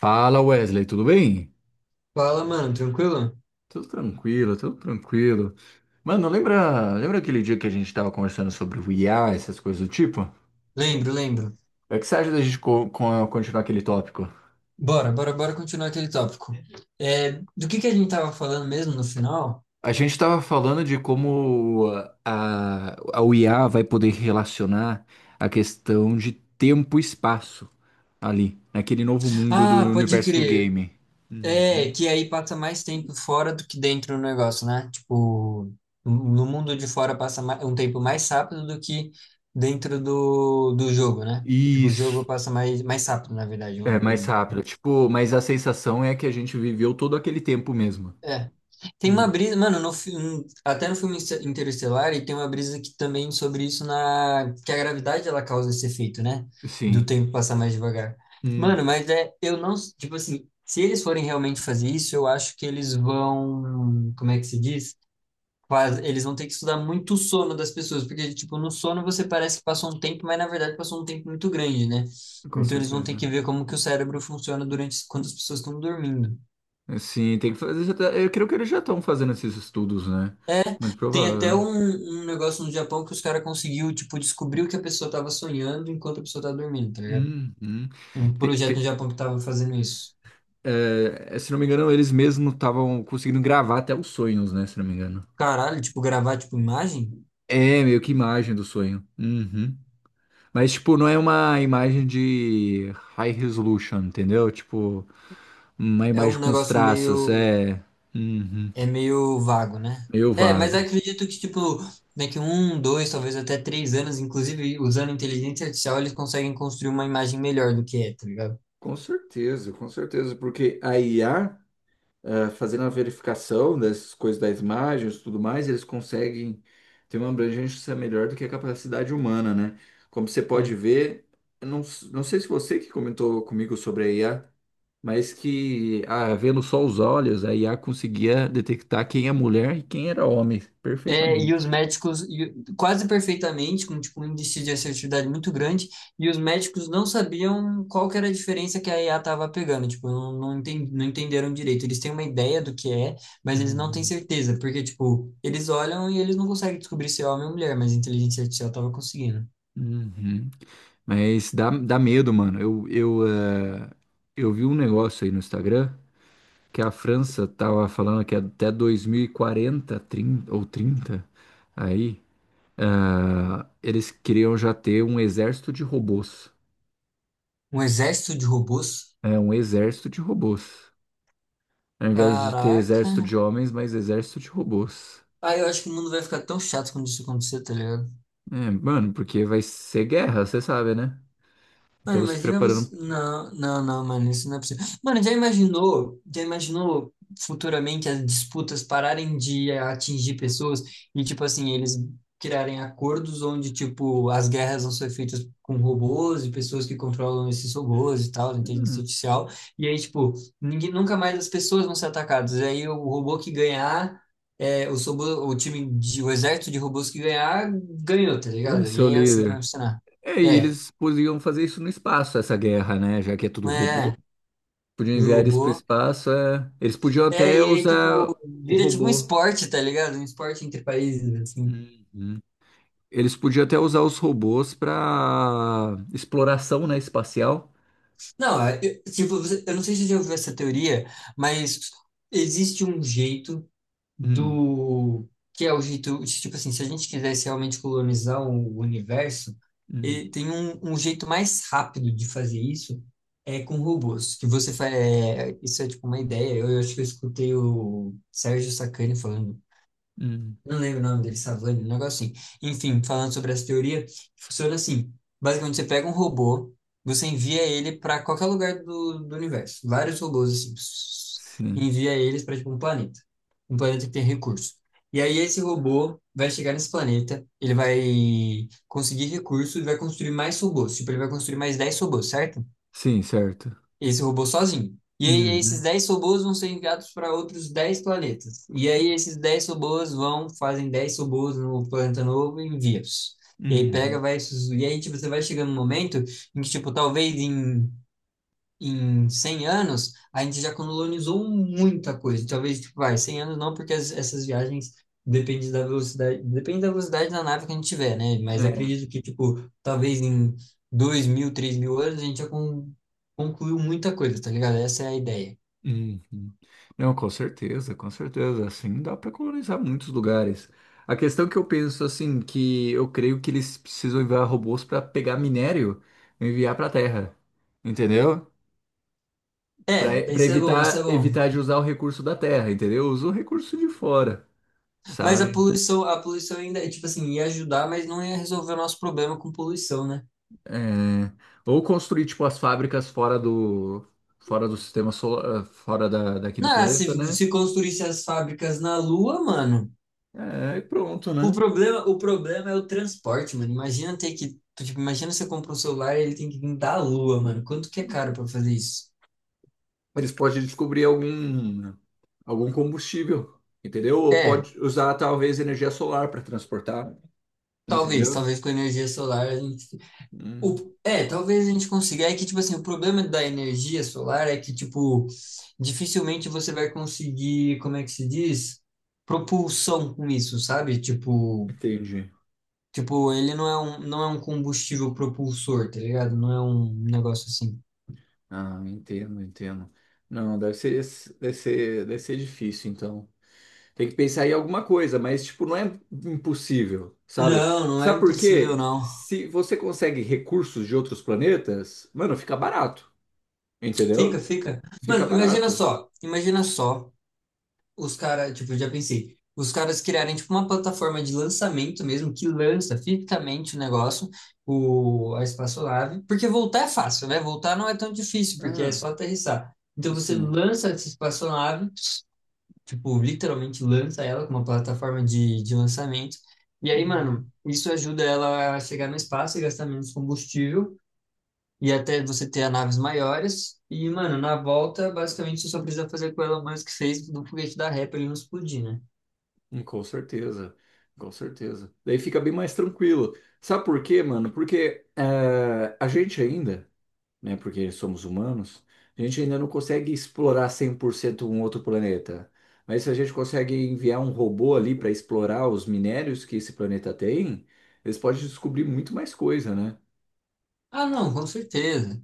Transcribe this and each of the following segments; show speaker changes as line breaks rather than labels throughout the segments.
Fala Wesley, tudo bem?
Fala, mano, tranquilo?
Tudo tranquilo, tudo tranquilo. Mano, lembra aquele dia que a gente tava conversando sobre o IA, essas coisas do tipo?
Lembro, lembro.
É que você acha da gente continuar aquele tópico?
Bora, bora, bora continuar aquele tópico. É, do que a gente tava falando mesmo no final?
A gente tava falando de como a o IA vai poder relacionar a questão de tempo e espaço ali, naquele novo mundo
Ah,
do
pode
universo do
crer.
game. Uhum.
É, que aí passa mais tempo fora do que dentro do negócio, né? Tipo, no mundo de fora passa um tempo mais rápido do que dentro do jogo, né? Tipo, o jogo
Isso,
passa mais rápido, na verdade.
é mais rápido. Tipo, mas a sensação é que a gente viveu todo aquele tempo mesmo.
É. Tem uma brisa, mano, no filme, até no filme Interestelar, e tem uma brisa que também sobre isso na que a gravidade ela causa esse efeito, né? Do
Sim.
tempo passar mais devagar.
Hum.
Mano, mas é, eu não, tipo assim, se eles forem realmente fazer isso, eu acho que eles vão, como é que se diz? Eles vão ter que estudar muito o sono das pessoas, porque, tipo, no sono você parece que passou um tempo, mas na verdade passou um tempo muito grande, né?
Com
Então eles vão ter que
certeza.
ver como que o cérebro funciona durante quando as pessoas estão dormindo.
É, sim, tem que fazer. Eu creio que eles já estão fazendo esses estudos, né?
É,
Mas
tem até
provável.
um negócio no Japão que os caras conseguiu, tipo, descobrir o que a pessoa tava sonhando enquanto a pessoa tava dormindo, tá ligado?
Uhum.
Um
Tem-
projeto
tem-
no Japão que tava fazendo isso.
É, se não me engano, eles mesmos estavam conseguindo gravar até os sonhos, né? Se não me engano.
Caralho, tipo, gravar, tipo, imagem
É, meio que imagem do sonho. Uhum. Mas, tipo, não é uma imagem de high resolution, entendeu? Tipo, uma
é um
imagem com os
negócio
traços,
meio,
é. Uhum.
é meio vago, né?
Meio
É, mas
vago.
eu acredito que, tipo, daqui um, dois, talvez até 3 anos, inclusive usando inteligência artificial, eles conseguem construir uma imagem melhor do que é, tá ligado?
Com certeza, porque a IA, fazendo a verificação dessas coisas das imagens e tudo mais, eles conseguem ter uma abrangência melhor do que a capacidade humana, né? Como você pode ver, eu não, s- não sei se você que comentou comigo sobre a IA, mas que vendo só os olhos, a IA conseguia detectar quem é mulher e quem era homem
É, e os
perfeitamente.
médicos, quase perfeitamente, com tipo, um índice de assertividade muito grande, e os médicos não sabiam qual que era a diferença que a IA estava pegando, tipo, não entenderam direito. Eles têm uma ideia do que é, mas eles não têm
Uhum,
certeza, porque, tipo, eles olham e eles não conseguem descobrir se é homem ou mulher, mas a inteligência artificial estava conseguindo.
uhum. Mas dá medo, mano. Eu vi um negócio aí no Instagram, que a França estava falando que é até 2040, 30 ou 30, aí, eles queriam já ter um exército de robôs.
Um exército de robôs?
É, um exército de robôs. Ao invés de ter
Caraca.
exército de homens, mas exército de robôs.
Ah, eu acho que o mundo vai ficar tão chato quando isso acontecer, tá ligado?
É, mano, porque vai ser guerra, você sabe, né?
Mano,
Estamos se
imagina
preparando.
você. Não, não, não, mano, isso não é possível. Mano, já imaginou futuramente as disputas pararem de atingir pessoas e, tipo assim, eles criarem acordos onde, tipo, as guerras vão ser feitas com robôs e pessoas que controlam esses robôs e tal, inteligência artificial. E aí, tipo, ninguém, nunca mais as pessoas vão ser atacadas. E aí o robô que ganhar. É, os robô, o time de, o exército de robôs que ganhar ganhou, tá
Vai
ligado?
ser
E
o
aí é assim que vai
líder.
funcionar.
É, e
É,
eles podiam fazer isso no espaço, essa guerra, né? Já que é tudo
é.
robô.
É.
Podiam enviar
Do
eles para o
bolo.
espaço. É. Eles podiam
É,
até
e aí, tipo,
usar o
vira tipo um
robô.
esporte, tá ligado? Um esporte entre países, assim.
Uhum. Eles podiam até usar os robôs para exploração, né, espacial.
Não, é, eu, tipo, eu não sei se você já ouviu essa teoria, mas existe um jeito
Hum,
do... Que é o jeito, tipo assim, se a gente quisesse realmente colonizar o universo,
hum,
e tem um jeito mais rápido de fazer isso, é com robôs. Que você faz... É, isso é, tipo, uma ideia. Eu acho que eu escutei o Sérgio Sacani falando.
hum.
Não lembro o nome dele, Savani, um negócio assim. Enfim, falando sobre essa teoria, funciona assim. Basicamente, você pega um robô, você envia ele para qualquer lugar do universo. Vários robôs, assim, pss,
Sim,
envia eles para, tipo, um planeta. Um planeta que tem recurso. E aí, esse robô vai chegar nesse planeta, ele vai conseguir recursos e vai construir mais robôs. Tipo, ele vai construir mais 10 robôs, certo?
sim, certo.
Esse robô sozinho. E aí esses
Uhum,
10 robôs vão ser enviados para outros 10 planetas. E aí esses 10 robôs vão, fazem 10 robôs no planeta novo e envia-os. E aí pega,
uhum.
vai... E aí, tipo, você vai chegando num momento em que, tipo, talvez em 100 anos, a gente já colonizou muita coisa. Talvez, tipo, vai, 100 anos não, porque essas viagens depende da velocidade da nave que a gente tiver, né? Mas
É,
acredito que, tipo, talvez em 2.000, 3.000 anos, a gente já concluiu muita coisa, tá ligado? Essa é a ideia.
uhum. Não, com certeza, com certeza. Assim dá para colonizar muitos lugares. A questão que eu penso, assim, que eu creio que eles precisam enviar robôs para pegar minério e enviar para a Terra, entendeu? Para
É, isso é bom, isso é
evitar
bom.
evitar de usar o recurso da Terra, entendeu? Usa o recurso de fora,
Mas
sabe?
a poluição ainda, é, tipo assim, ia ajudar, mas não ia resolver o nosso problema com poluição, né?
É, ou construir tipo as fábricas fora do sistema solar, daqui do
Não, se,
planeta, né?
se construísse as fábricas na Lua, mano.
É, e pronto, né?
O problema é o transporte, mano. Imagina ter que. Tipo, imagina você compra um celular e ele tem que vir da lua, mano. Quanto que é caro pra fazer isso?
Eles podem descobrir algum combustível, entendeu? Ou
É,
pode usar talvez energia solar para transportar,
talvez,
entendeu?
talvez com energia solar a gente.
Hum,
O, é, talvez a gente consiga. É que, tipo assim, o problema da energia solar é que, tipo, dificilmente você vai conseguir, como é que se diz? Propulsão com isso, sabe? Tipo,
entendi.
tipo, ele não é um combustível propulsor, tá ligado? Não é um negócio assim.
Ah, entendo, entendo. Não, deve ser difícil então. Tem que pensar em alguma coisa, mas tipo, não é impossível, sabe?
Não, não é
Sabe por
impossível,
quê?
não.
Se você consegue recursos de outros planetas, mano, fica barato, entendeu?
Fica, fica.
Fica
Mano,
barato.
imagina só os caras, tipo, eu já pensei, os caras criarem, tipo, uma plataforma de lançamento mesmo, que lança fisicamente o negócio, a espaçolave, porque voltar é fácil, né? Voltar não é tão difícil, porque é
Ah,
só aterrissar. Então você
sim.
lança essa espaçolave, tipo, literalmente lança ela com uma plataforma de lançamento, e aí,
Uhum.
mano, isso ajuda ela a chegar no espaço e gastar menos combustível, e até você ter as naves maiores. E, mano, na volta, basicamente, você só precisa fazer o que o Elon Musk fez do foguete da ré pra ele não explodir, né?
Hum. Com certeza, com certeza. Daí fica bem mais tranquilo. Sabe por quê, mano? Porque a gente ainda. Né? Porque somos humanos, a gente ainda não consegue explorar 100% um outro planeta. Mas se a gente consegue enviar um robô ali para explorar os minérios que esse planeta tem, eles podem descobrir muito mais coisa, né?
Ah, não, com certeza.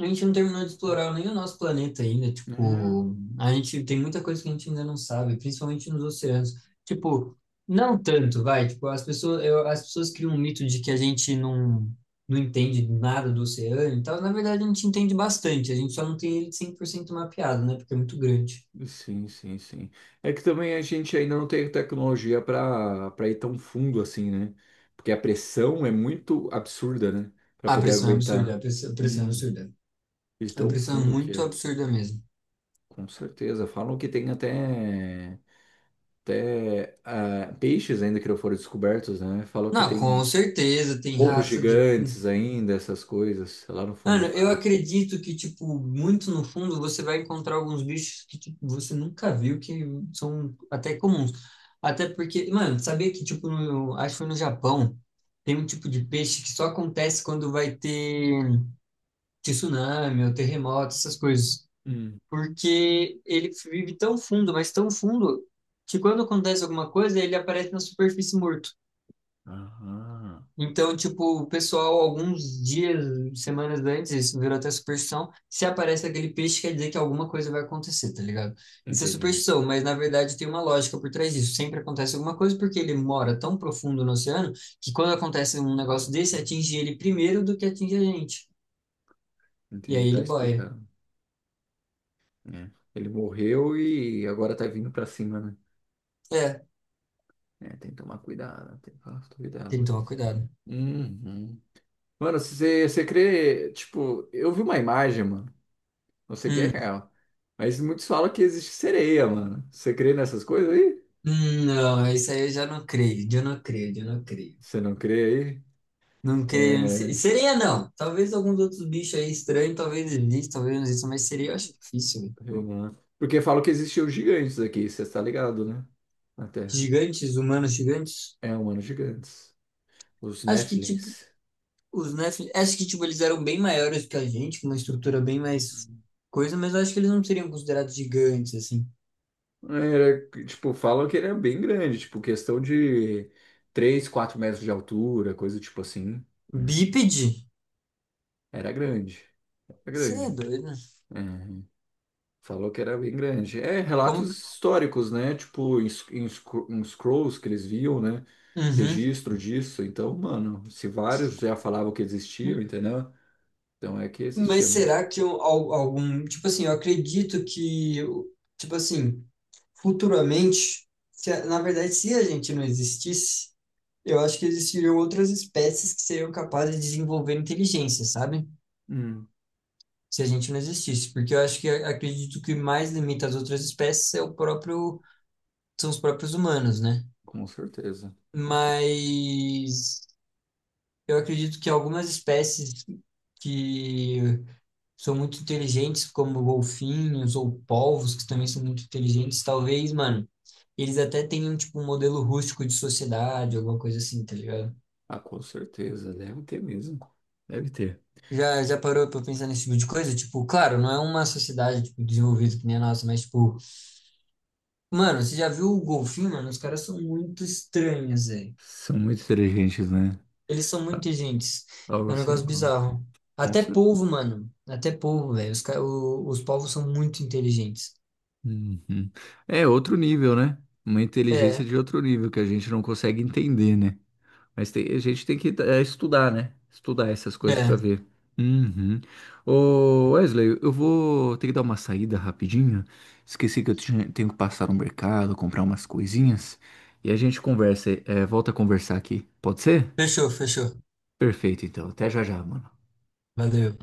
A gente não terminou de explorar nem o nosso planeta ainda.
É,
Tipo, a gente tem muita coisa que a gente ainda não sabe, principalmente nos oceanos. Tipo, não tanto, vai. Tipo, as pessoas, as pessoas criam um mito de que a gente não entende nada do oceano e tal. Na verdade, a gente entende bastante. A gente só não tem ele 100% mapeado, né? Porque é muito grande.
sim, sim, sim. É que também a gente ainda não tem tecnologia para ir tão fundo assim, né? Porque a pressão é muito absurda, né? Para
A
poder
pressão é absurda,
aguentar.
a pressão é
Hum,
absurda.
de
A
tão
pressão é
fundo que
muito
é.
absurda mesmo.
Com certeza. Falam que tem até peixes ainda que não foram descobertos, né? Falou que
Não, com
tem
certeza, tem
ovos
raça de.
gigantes ainda, essas coisas, lá no fundo
Mano,
do
eu
mar.
acredito que, tipo, muito no fundo você vai encontrar alguns bichos que tipo, você nunca viu, que são até comuns. Até porque, mano, sabia que, tipo, no, acho que foi no Japão, tem um tipo de peixe que só acontece quando vai ter tsunami ou terremoto, essas coisas.
Hum.
Porque ele vive tão fundo, mas tão fundo, que quando acontece alguma coisa, ele aparece na superfície morto.
Aham.
Então, tipo, o pessoal, alguns dias, semanas antes, isso virou até superstição, se aparece aquele peixe, quer dizer que alguma coisa vai acontecer, tá ligado? Isso é
Entendi.
superstição, mas na verdade tem uma lógica por trás disso. Sempre acontece alguma coisa porque ele mora tão profundo no oceano que quando acontece um negócio desse, atinge ele primeiro do que atinge a gente. E
Entendi,
aí
tá
ele boia.
explicando. É. Ele morreu e agora tá vindo pra cima, né?
É,
É, tem que tomar cuidado, tem que tomar
tem que
cuidado.
tomar cuidado.
Uhum. Mano, se você crê, tipo, eu vi uma imagem, mano. Não sei que é
Hum.
real. Mas muitos falam que existe sereia, mano. Você crê nessas coisas aí?
Não, isso aí eu já não creio, eu não creio, eu não creio.
Você não crê
Não
aí?
creio em
É.
sereia, não. Talvez alguns outros bichos aí estranhos, talvez existam, talvez não existam, mas sereia eu acho difícil, velho.
Uhum. Porque falam que existiam gigantes aqui, você está ligado, né? Na Terra.
Gigantes, humanos gigantes,
É, humanos gigantes. Os
acho que, tipo,
Nephilims.
os Nephilim, acho que, tipo, eles eram bem maiores que a gente, com uma estrutura bem mais coisa, mas eu acho que eles não seriam considerados gigantes, assim.
Era, tipo, falam que ele é bem grande, tipo, questão de 3, 4 metros de altura, coisa tipo assim.
Bípede?
Era grande. Era
Você é
grande.
doido? Né?
Uhum. Falou que era bem grande. É,
Como?
relatos históricos, né? Tipo, em scrolls que eles viam, né?
Uhum.
Registro disso. Então, mano, se vários já falavam que existiam, entendeu? Então é que
Mas
existia mesmo.
será que algum, tipo assim, eu acredito que, tipo assim, futuramente, se a- na verdade, se a gente não existisse, eu acho que existiriam outras espécies que seriam capazes de desenvolver inteligência, sabe? Se a gente não existisse, porque eu acho que acredito que o mais limita as outras espécies é o próprio, são os próprios humanos, né?
Com certeza.
Mas eu acredito que algumas espécies que são muito inteligentes, como golfinhos ou polvos, que também são muito inteligentes, talvez, mano, eles até tenham, tipo, um modelo rústico de sociedade, alguma coisa assim, tá ligado?
Ah, com certeza. Deve ter mesmo. Deve ter.
Já parou pra pensar nesse tipo de coisa? Tipo, claro, não é uma sociedade, tipo, desenvolvida que nem a nossa, mas, tipo, mano, você já viu o golfinho, mano? Os caras são muito estranhos, velho.
São muito inteligentes, né?
Eles são
Ah,
muito inteligentes.
algo
É um
assim,
negócio
com,
bizarro.
com
Até
certeza.
polvo, mano. Até polvo, velho. Os polvos são muito inteligentes.
É outro nível, né? Uma inteligência
É,
de outro nível que a gente não consegue entender, né? Mas a gente tem que estudar, né? Estudar essas coisas pra
é.
ver. Uhum. Ô, Wesley, eu vou ter que dar uma saída rapidinho. Esqueci que eu tenho que passar no mercado, comprar umas coisinhas. E a gente volta a conversar aqui. Pode ser?
Fechou, fechou.
Perfeito, então. Até já já, mano.
Valeu.